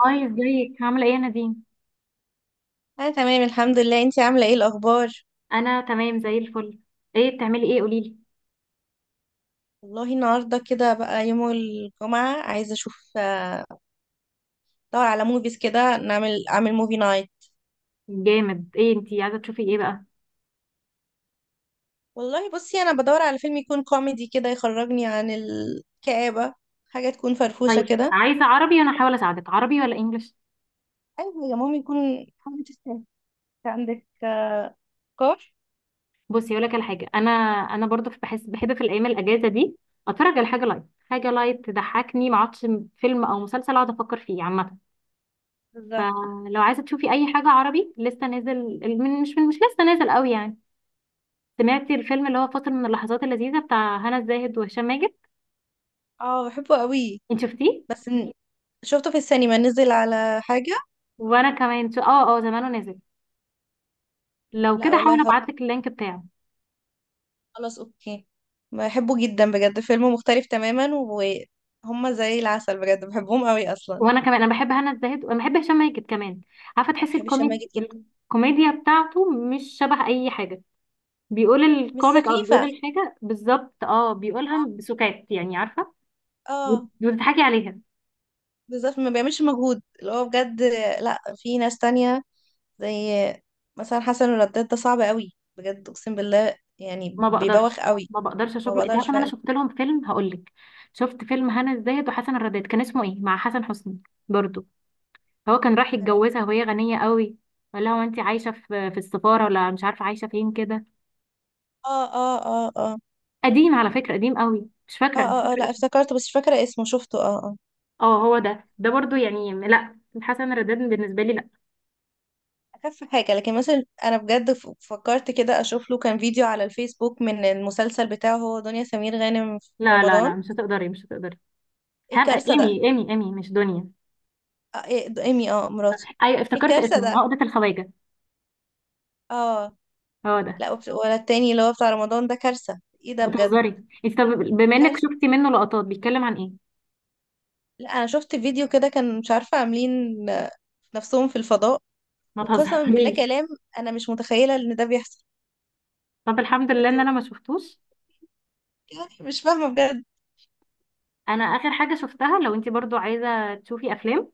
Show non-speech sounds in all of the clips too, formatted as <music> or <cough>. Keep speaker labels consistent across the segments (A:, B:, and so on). A: هاي ازيك عاملة ايه يا نادين؟
B: انا تمام، الحمد لله. انتي عامله ايه؟ الاخبار؟
A: انا تمام زي الفل. ايه بتعملي ايه قوليلي.
B: والله النهارده كده بقى يوم الجمعه عايزه اشوف، ادور على موفيز كده اعمل موفي نايت.
A: جامد، ايه انتي عايزة تشوفي ايه بقى؟
B: والله بصي، انا بدور على فيلم يكون كوميدي كده يخرجني عن الكآبه، حاجه تكون فرفوشه
A: طيب
B: كده.
A: عايزة عربي وانا هحاول اساعدك، عربي ولا انجلش؟
B: اي حاجه، مهم يكون حاجه تستاهل. عندك افكار؟
A: بصي اقول لك على حاجة، انا انا برضو بحس بحب في الايام الاجازة دي اتفرج على حاجة لايت. حاجة لايت تضحكني ما اقعدش فيلم او مسلسل اقعد افكر فيه عامة.
B: بالظبط،
A: فلو عايزة تشوفي اي حاجة عربي لسه نازل، من مش لسه نازل قوي يعني، سمعتي الفيلم اللي هو فاصل من اللحظات اللذيذة بتاع هنا الزاهد وهشام ماجد؟
B: اه، بحبه قوي.
A: انت شفتيه؟
B: بس شفته في السينما، نزل على حاجه.
A: وانا كمان زمانه نازل. لو كده
B: لا
A: حاول
B: والله،
A: ابعت لك اللينك بتاعه.
B: خلاص اوكي. بحبه جدا، بجد فيلم مختلف تماما. وهما زي العسل بجد، بحبهم قوي اصلا.
A: وانا كمان انا بحب هنا الزاهد وانا بحب هشام ماجد كمان. عارفه
B: انا
A: تحسي
B: بحب هشام ماجد جدا.
A: الكوميديا بتاعته مش شبه اي حاجه. بيقول
B: مش
A: الكوميك او بيقول
B: سخيفة.
A: الحاجه بالظبط، اه
B: اه.
A: بيقولها بسكات يعني عارفه،
B: آه.
A: وتضحكي عليها.
B: بالظبط، ما بيعملش مجهود اللي هو بجد. لا، في ناس تانية زي مثلا حسن الرداد، ده صعب قوي بجد، اقسم بالله يعني
A: ما بقدرش،
B: بيبوخ قوي.
A: ما بقدرش
B: ما
A: اشوف. انت عارفه
B: بقدرش
A: ان انا
B: فعلا.
A: شفت لهم فيلم، هقول لك، شفت فيلم هنا الزاهد وحسن الرداد، كان اسمه ايه مع حسن حسني برضو. هو كان راح
B: انا
A: يتجوزها وهي غنيه قوي، ولا هو انت عايشه في السفاره ولا مش عارفه عايشه فين كده.
B: اه اه اه اه
A: قديم على فكرة، قديم قوي، مش
B: اه
A: فاكرة، مش
B: اه، آه،
A: فاكرة
B: لا
A: اسمه.
B: افتكرته بس مش فاكرة اسمه، شفته، اه اه.
A: اه هو ده، ده برضو يعني، لا حسن الرداد بالنسبة لي لا.
B: اخف حاجه، لكن مثلا انا بجد فكرت كده اشوف له، كان فيديو على الفيسبوك من المسلسل بتاعه هو دنيا سمير غانم في
A: لا لا
B: رمضان.
A: لا، مش هتقدري مش هتقدري.
B: ايه
A: هان
B: الكارثه ده!
A: ايمي ايمي ايمي مش دنيا.
B: إيه، ايمي، اه مراته.
A: ايوه
B: ايه
A: افتكرت
B: الكارثه
A: اسمه،
B: ده!
A: عقدة الخواجة.
B: اه،
A: هو ده.
B: لا، ولا التاني اللي هو بتاع رمضان ده، كارثه، ايه ده بجد!
A: بتهزري انت؟ طب بما انك
B: كارثه.
A: شفتي منه لقطات، بيتكلم عن ايه؟
B: لا، انا شفت فيديو كده، كان مش عارفه عاملين، آه، نفسهم في الفضاء.
A: ما
B: وقسما بالله
A: تهزريش.
B: كلام، انا مش متخيله ان ده بيحصل.
A: طب الحمد لله ان
B: انتوا،
A: انا ما شفتوش.
B: يعني مش فاهمه بجد.
A: انا اخر حاجة شفتها، لو انت برضو عايزة تشوفي افلام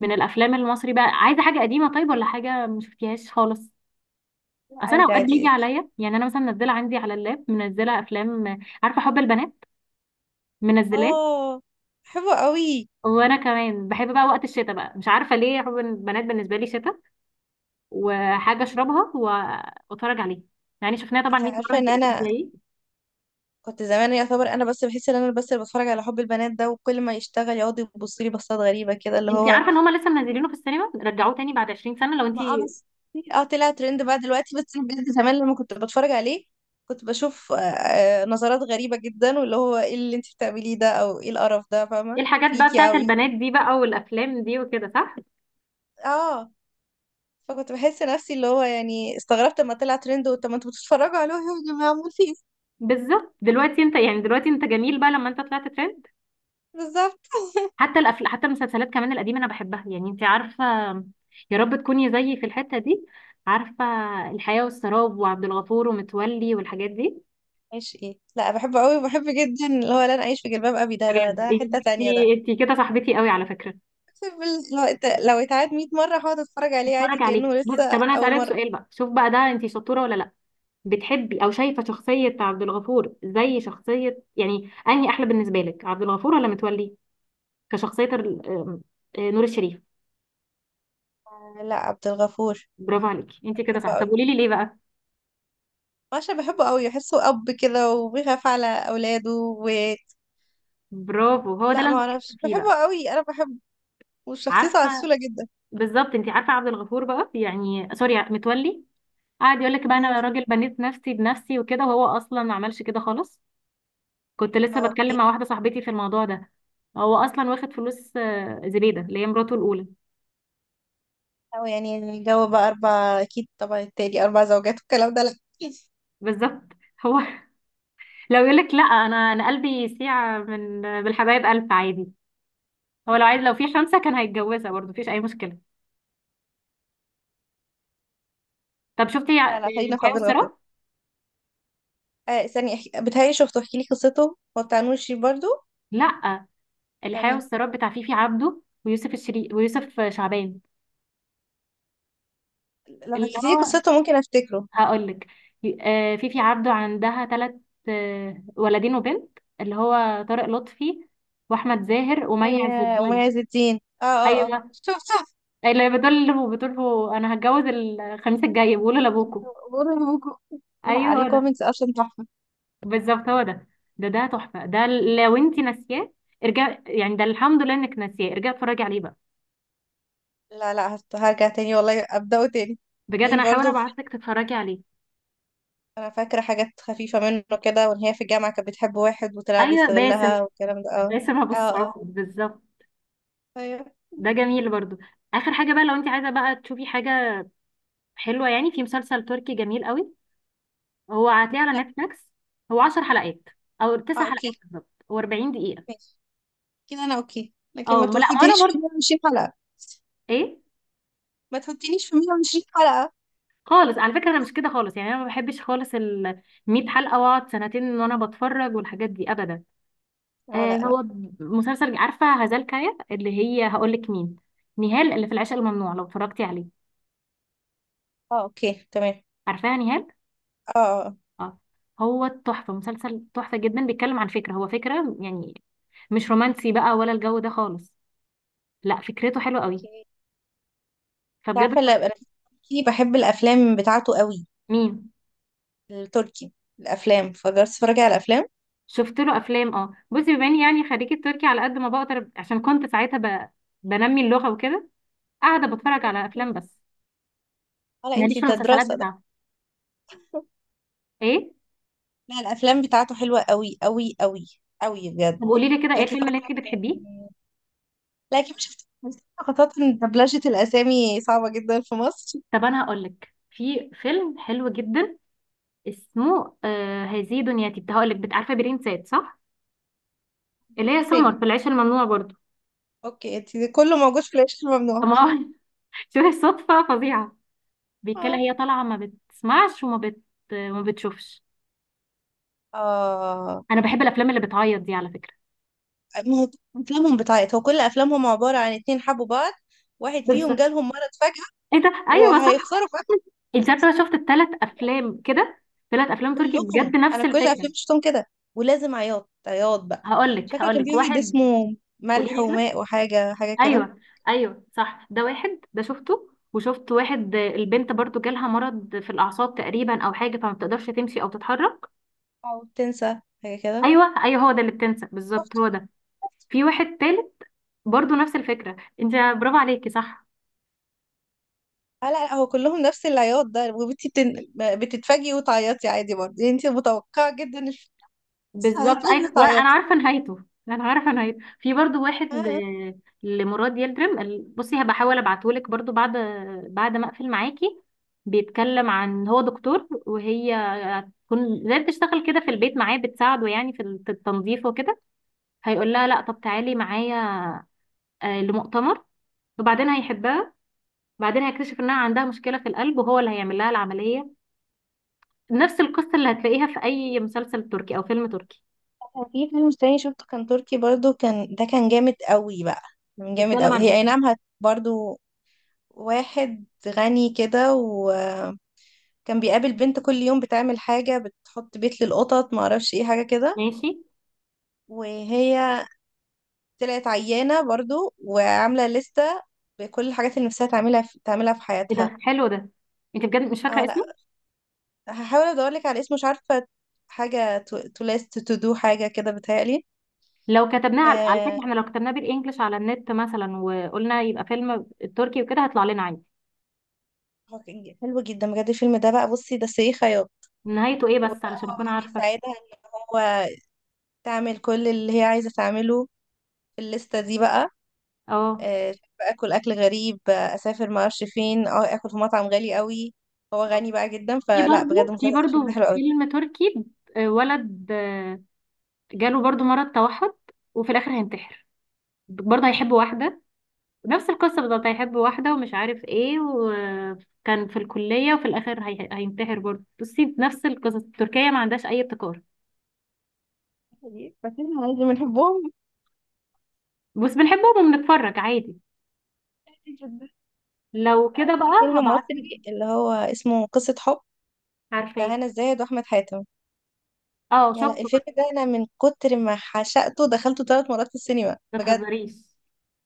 A: من الافلام المصري بقى، عايزة حاجة قديمة طيب، ولا حاجة ما شفتيهاش خالص؟
B: لا،
A: اصل انا
B: عادي
A: اوقات بيجي
B: عادي.
A: عليا يعني، انا مثلا منزله عندي على اللاب، منزله افلام، عارفه حب البنات، منزلاه.
B: اه، حلوه قوي.
A: وانا كمان بحب بقى وقت الشتاء بقى، مش عارفه ليه، حب البنات بالنسبه لي شتاء وحاجه اشربها واتفرج عليها. يعني شفناها طبعا
B: انت
A: 100 مره،
B: عارفه
A: انت
B: ان
A: اكيد
B: انا
A: زيي.
B: كنت زمان يعتبر انا بس، بحس ان انا بس اللي بتفرج على حب البنات ده، وكل ما يشتغل يقعد يبص لي بصات غريبه كده اللي
A: انت
B: هو.
A: عارفه ان هما لسه منزلينه في السينما، رجعوه تاني بعد 20 سنه، لو انت
B: ما،
A: ايه
B: بس، اه طلع ترند بقى دلوقتي. بس أنا بجد زمان لما كنت بتفرج عليه كنت بشوف، نظرات غريبه جدا، واللي هو ايه اللي انت بتعمليه ده، او ايه القرف ده، فاهمه؟
A: الحاجات بقى
B: فيكي
A: بتاعت
B: قوي.
A: البنات دي بقى والافلام دي وكده صح.
B: اه. فكنت بحس نفسي اللي هو، يعني استغربت لما طلع ترند، طب ما انتوا بتتفرجوا عليه يا جماعه، عمال في ايه؟
A: بالظبط دلوقتي انت يعني، دلوقتي انت جميل بقى لما انت طلعت ترند.
B: بالظبط.
A: حتى المسلسلات كمان القديمة أنا بحبها، يعني أنت عارفة، يا رب تكوني زيي في الحتة دي، عارفة، الحياة والسراب وعبد الغفور ومتولي والحاجات دي.
B: عايش ايه؟ لا بحبه قوي، وبحب جدا اللي هو لن اعيش في جلباب ابي، ده
A: بجد
B: ده ده حته تانية ده.
A: انتي انتي كده صاحبتي قوي على فكرة.
B: بال- لو لو اتعاد 100 مرة هقعد اتفرج عليه عادي
A: بتفرج عليك،
B: كأنه
A: بص
B: لسه
A: طب أنا
B: أول
A: هسألك
B: مرة.
A: سؤال بقى، شوف بقى ده أنتي شطورة ولا لأ. بتحبي أو شايفة شخصية عبد الغفور زي شخصية، يعني أنهي أحلى بالنسبة لك، عبد الغفور ولا متولي؟ كشخصية ال- آم، نور الشريف.
B: لا، عبد الغفور.
A: برافو عليكي انتي كده
B: بحبه
A: صح، طب
B: قوي.
A: قولي لي ليه بقى.
B: عشان بحبه قوي، بحسه أب كده، وبيخاف على أولاده و...
A: برافو، هو ده
B: لا
A: اللي
B: ما
A: أنا بتكلم
B: اعرفش،
A: فيه بقى.
B: بحبه قوي، أنا بحبه. وشخصيته
A: عارفه،
B: عسولة جدا.
A: بالظبط، انت عارفه عبد الغفور بقى، يعني سوري متولي، قاعد يقول لك بقى
B: مم.
A: انا راجل بنيت نفسي بنفسي وكده، وهو اصلا ما عملش كده خالص. كنت لسه بتكلم
B: اوكي.
A: مع واحده صاحبتي في الموضوع ده. هو اصلا واخد فلوس زبيده اللي هي مراته الاولى.
B: أو يعني الجو بقى أربع، أكيد طبعا التاني، أربع زوجات والكلام ده، لا.
A: بالظبط. هو <laughs> لو يقول لك لا، انا انا قلبي يسيع من بالحبايب الف عادي. هو لو عايز، لو في خمسه كان هيتجوزها برضه، مفيش اي مشكله. طب شفتي
B: لا لا، خلينا في
A: الحياه
B: عبد الغفور.
A: والسراب؟
B: آه، بتهيألي شفته، احكي لي قصته. هو بتاع نور الشريف برضه؟
A: لا،
B: بتاع
A: الحياه
B: مين؟
A: والسراب بتاع فيفي عبده ويوسف شعبان.
B: لو
A: اللي
B: حكيتي لي
A: هو،
B: قصته ممكن أفتكره.
A: هقول لك، فيفي عبده عندها ثلاث، ولدين وبنت، اللي هو طارق لطفي واحمد زاهر
B: مي
A: ومي عز
B: ومي
A: الدين.
B: عز الدين، اه اه اه،
A: ايوه.
B: شوف شوف.
A: اللي بتقول له، بتقول له انا هتجوز الخميس الجاي، بقوله لابوكو.
B: بقول لكم. لا،
A: ايوه هو
B: عليه
A: ده.
B: كوميكس اصلا تحفة.
A: بالظبط هو ده، ده ده تحفه ده. لو انت ناسياه ارجع، يعني ده الحمد لله انك ناسياه، ارجع اتفرجي عليه بقى.
B: لا لا، هرجع تاني والله، ابدأه تاني.
A: بجد
B: مين
A: انا هحاول
B: برضو؟
A: ابعت لك تتفرجي عليه.
B: انا فاكرة حاجات خفيفة منه كده، وان هي في الجامعة كانت بتحب واحد وطلع
A: ايوه باسم،
B: بيستغلها والكلام ده، اه.
A: باسم ابو
B: اه اه،
A: السعود بالظبط.
B: طيب.
A: ده جميل برضو. اخر حاجه بقى، لو انت عايزه بقى تشوفي حاجه حلوة يعني، في مسلسل تركي جميل قوي، هو هتلاقيه على نتفليكس، هو 10 حلقات او
B: اه،
A: 9
B: اوكي
A: حلقات بالظبط، و40 دقيقة.
B: ماشي. كده انا اوكي، لكن
A: اه
B: ما
A: ما لا ما انا
B: تحطنيش في
A: برضه،
B: 120 حلقة.
A: ايه،
B: ما تحطنيش في 120 حلقة.
A: خالص على فكرة انا مش كده خالص يعني، انا ما بحبش خالص ال 100 حلقة واقعد سنتين وانا بتفرج والحاجات دي ابدا.
B: اه،
A: آه
B: لا لا.
A: هو مسلسل، عارفة هزال كايا اللي هي، هقول لك مين، نهال اللي في العشق الممنوع لو اتفرجتي عليه،
B: اه، اوكي تمام.
A: عارفاها نهال،
B: اه اه. آه.
A: اه. هو تحفة، مسلسل تحفة جدا، بيتكلم عن فكرة، هو فكرة يعني مش رومانسي بقى ولا الجو ده خالص، لا فكرته حلوه قوي.
B: اوكي، انت
A: فبجد <laughs>
B: عارفة اللي انا بحب الافلام بتاعته قوي.
A: مين؟
B: التركي، الافلام، فجربت تتفرجي على الافلام؟
A: شفت له افلام اه. بصي بما اني يعني خريجه تركي، على قد ما بقدر، عشان كنت ساعتها بنمي اللغه وكده، قاعده بتفرج على افلام
B: مم.
A: بس،
B: ولا
A: ماليش
B: انتي
A: في
B: ده
A: المسلسلات
B: دراسة ده؟
A: بتاعته. ايه؟
B: لا، الافلام بتاعته حلوة قوي قوي قوي، قوي بجد.
A: طب قولي لي كده، ايه
B: جات لي
A: الفيلم اللي انت
B: فترة
A: بتحبيه؟
B: كان- لا اكيد مش شفت، خاصة ان دبلجة الاسامي صعبة جدا في مصر.
A: طب انا هقول لك في فيلم حلو جدا، اسمه آه، هذه دنيتي. كنت هقول لك عارفه برين سات صح؟
B: مين
A: اللي هي
B: الاسامي؟
A: سمر في العيش الممنوع برضه.
B: اوكي، انتي كله موجود في العيش
A: طب
B: الممنوع.
A: ما هو <laughs> شوفي الصدفه فظيعه. بيتكلم،
B: اه.
A: هي طالعه ما بتسمعش وما بتشوفش.
B: آه.
A: انا بحب الافلام اللي بتعيط دي على فكره.
B: ما هو افلامهم بتاعت هو، كل افلامهم عبارة عن اتنين حبوا بعض، واحد فيهم
A: بالظبط،
B: جالهم مرض فجأة،
A: ايه ده، ايوه صح.
B: وهيخسروا في...
A: انت عارفه انا شفت ال3 افلام كده، 3 افلام تركي بجد
B: كلهم، انا
A: نفس
B: كل
A: الفكره.
B: الافلام شفتهم كده، ولازم عياط عياط بقى.
A: هقول لك،
B: شكله
A: هقول
B: كان في
A: لك
B: واحد
A: واحد.
B: اسمه
A: قولي
B: ملح
A: لي كده.
B: وماء، وحاجه حاجه كده.
A: ايوه ايوه صح، ده واحد ده شفته، وشفت واحد البنت برضو جالها مرض في الاعصاب تقريبا او حاجه، فما بتقدرش تمشي او تتحرك.
B: او تنسى حاجه كده.
A: ايوه ايوه هو ده اللي بتنسى بالظبط،
B: شفت.
A: هو ده.
B: شفت.
A: في واحد تالت برضو نفس الفكره انت، برافو عليكي صح.
B: آه، لا لا، هو كلهم نفس العياط ده. وبنتي بتتفاجئي وتعيطي عادي برضه، يعني انت متوقعه جدا بس
A: بالظبط،
B: هتتفاجئي <laughs>
A: اي، وانا انا
B: وتعيطي.
A: عارفه نهايته. انا عارفه نهايته. في برضو واحد
B: آه.
A: لمراد يلدرم بصي هبقى احاول ابعتهولك برضو بعد، بعد ما اقفل معاكي. بيتكلم عن، هو دكتور وهي هتكون زي بتشتغل كده في البيت معاه، بتساعده يعني في التنظيف وكده. هيقول لها لا، طب تعالي معايا لمؤتمر، وبعدين هيحبها. بعدين هيكتشف انها عندها مشكله في القلب وهو اللي هيعمل لها العمليه. نفس القصه اللي هتلاقيها في اي مسلسل تركي او فيلم تركي.
B: في فيلم تاني شفته كان تركي برضه، كان جامد قوي بقى، كان جامد
A: بيتكلم
B: قوي.
A: عن
B: هي
A: ايه؟
B: اي نعم برضه. واحد غني كده كان بيقابل بنت كل يوم بتعمل حاجة، بتحط بيت للقطط معرفش ايه، حاجة كده.
A: ماشي.
B: وهي طلعت عيانة برضو، وعاملة لستة بكل الحاجات اللي نفسها تعملها، في
A: ايه
B: حياتها.
A: ده حلو ده. انت بجد مش فاكره
B: اه، لا،
A: اسمه.
B: هحاول ادورلك على اسمه، مش عارفة حاجة، تو ليست تو دو حاجة كده بتهيألي.
A: لو كتبناه على, على فكره
B: آه،
A: احنا لو كتبناه بالانجلش على النت مثلا وقلنا يبقى فيلم تركي وكده، هيطلع لنا عادي.
B: هو كان حلو جدا بجد الفيلم ده بقى، بصي ده سي خياط.
A: نهايته ايه بس
B: وبقى
A: علشان
B: هو بقى
A: اكون عارفه؟
B: بيساعدها ان هو تعمل كل اللي هي عايزة تعمله في الليستة دي بقى.
A: اه
B: آه، اكل، اكل غريب، اسافر ما اعرفش فين، اه، اكل في مطعم غالي قوي، هو غني بقى جدا.
A: في
B: فلا
A: برضو،
B: بجد
A: في
B: مسلسل، الفيلم ده
A: برضو
B: حلو قوي.
A: فيلم تركي، ولد جاله برضو مرض توحد، وفي الاخر هينتحر، برضه هيحب واحده. نفس القصه بالظبط، هيحب واحده ومش عارف ايه، وكان في الكليه، وفي الاخر هينتحر برضه. بصي نفس القصص، تركيا ما عندهاش اي ابتكار،
B: بس احنا عايزين، بنحبهم
A: بس بنحبهم وبنتفرج عادي.
B: جدا.
A: لو كده
B: في
A: بقى
B: فيلم
A: هبعتلك.
B: مصري اللي هو اسمه قصة حب،
A: عارفاه.
B: بتاع هنا الزاهد واحمد حاتم.
A: اه
B: يا لا
A: شفته بقى.
B: الفيلم ده، انا من كتر ما عشقته دخلته 3 مرات في السينما
A: ما
B: بجد،
A: تهزريش.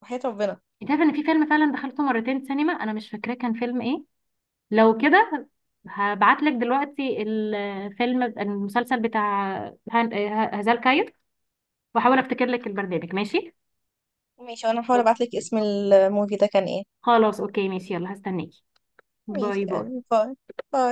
B: وحياة ربنا.
A: انت عارفه ان في فيلم فعلا دخلته مرتين سينما، انا مش فاكراه، كان فيلم ايه؟ لو كده هبعتلك دلوقتي الفيلم المسلسل بتاع هزال كاير، واحاول افتكر لك البرنامج ماشي.
B: ماشي، وانا هحاول ابعت لك
A: اوكي.
B: اسم الموفي ده كان ايه.
A: خلاص اوكي ماشي، يلا هستناكي.
B: ماشي
A: باي
B: يا
A: باي.
B: قلبي، باي. باي.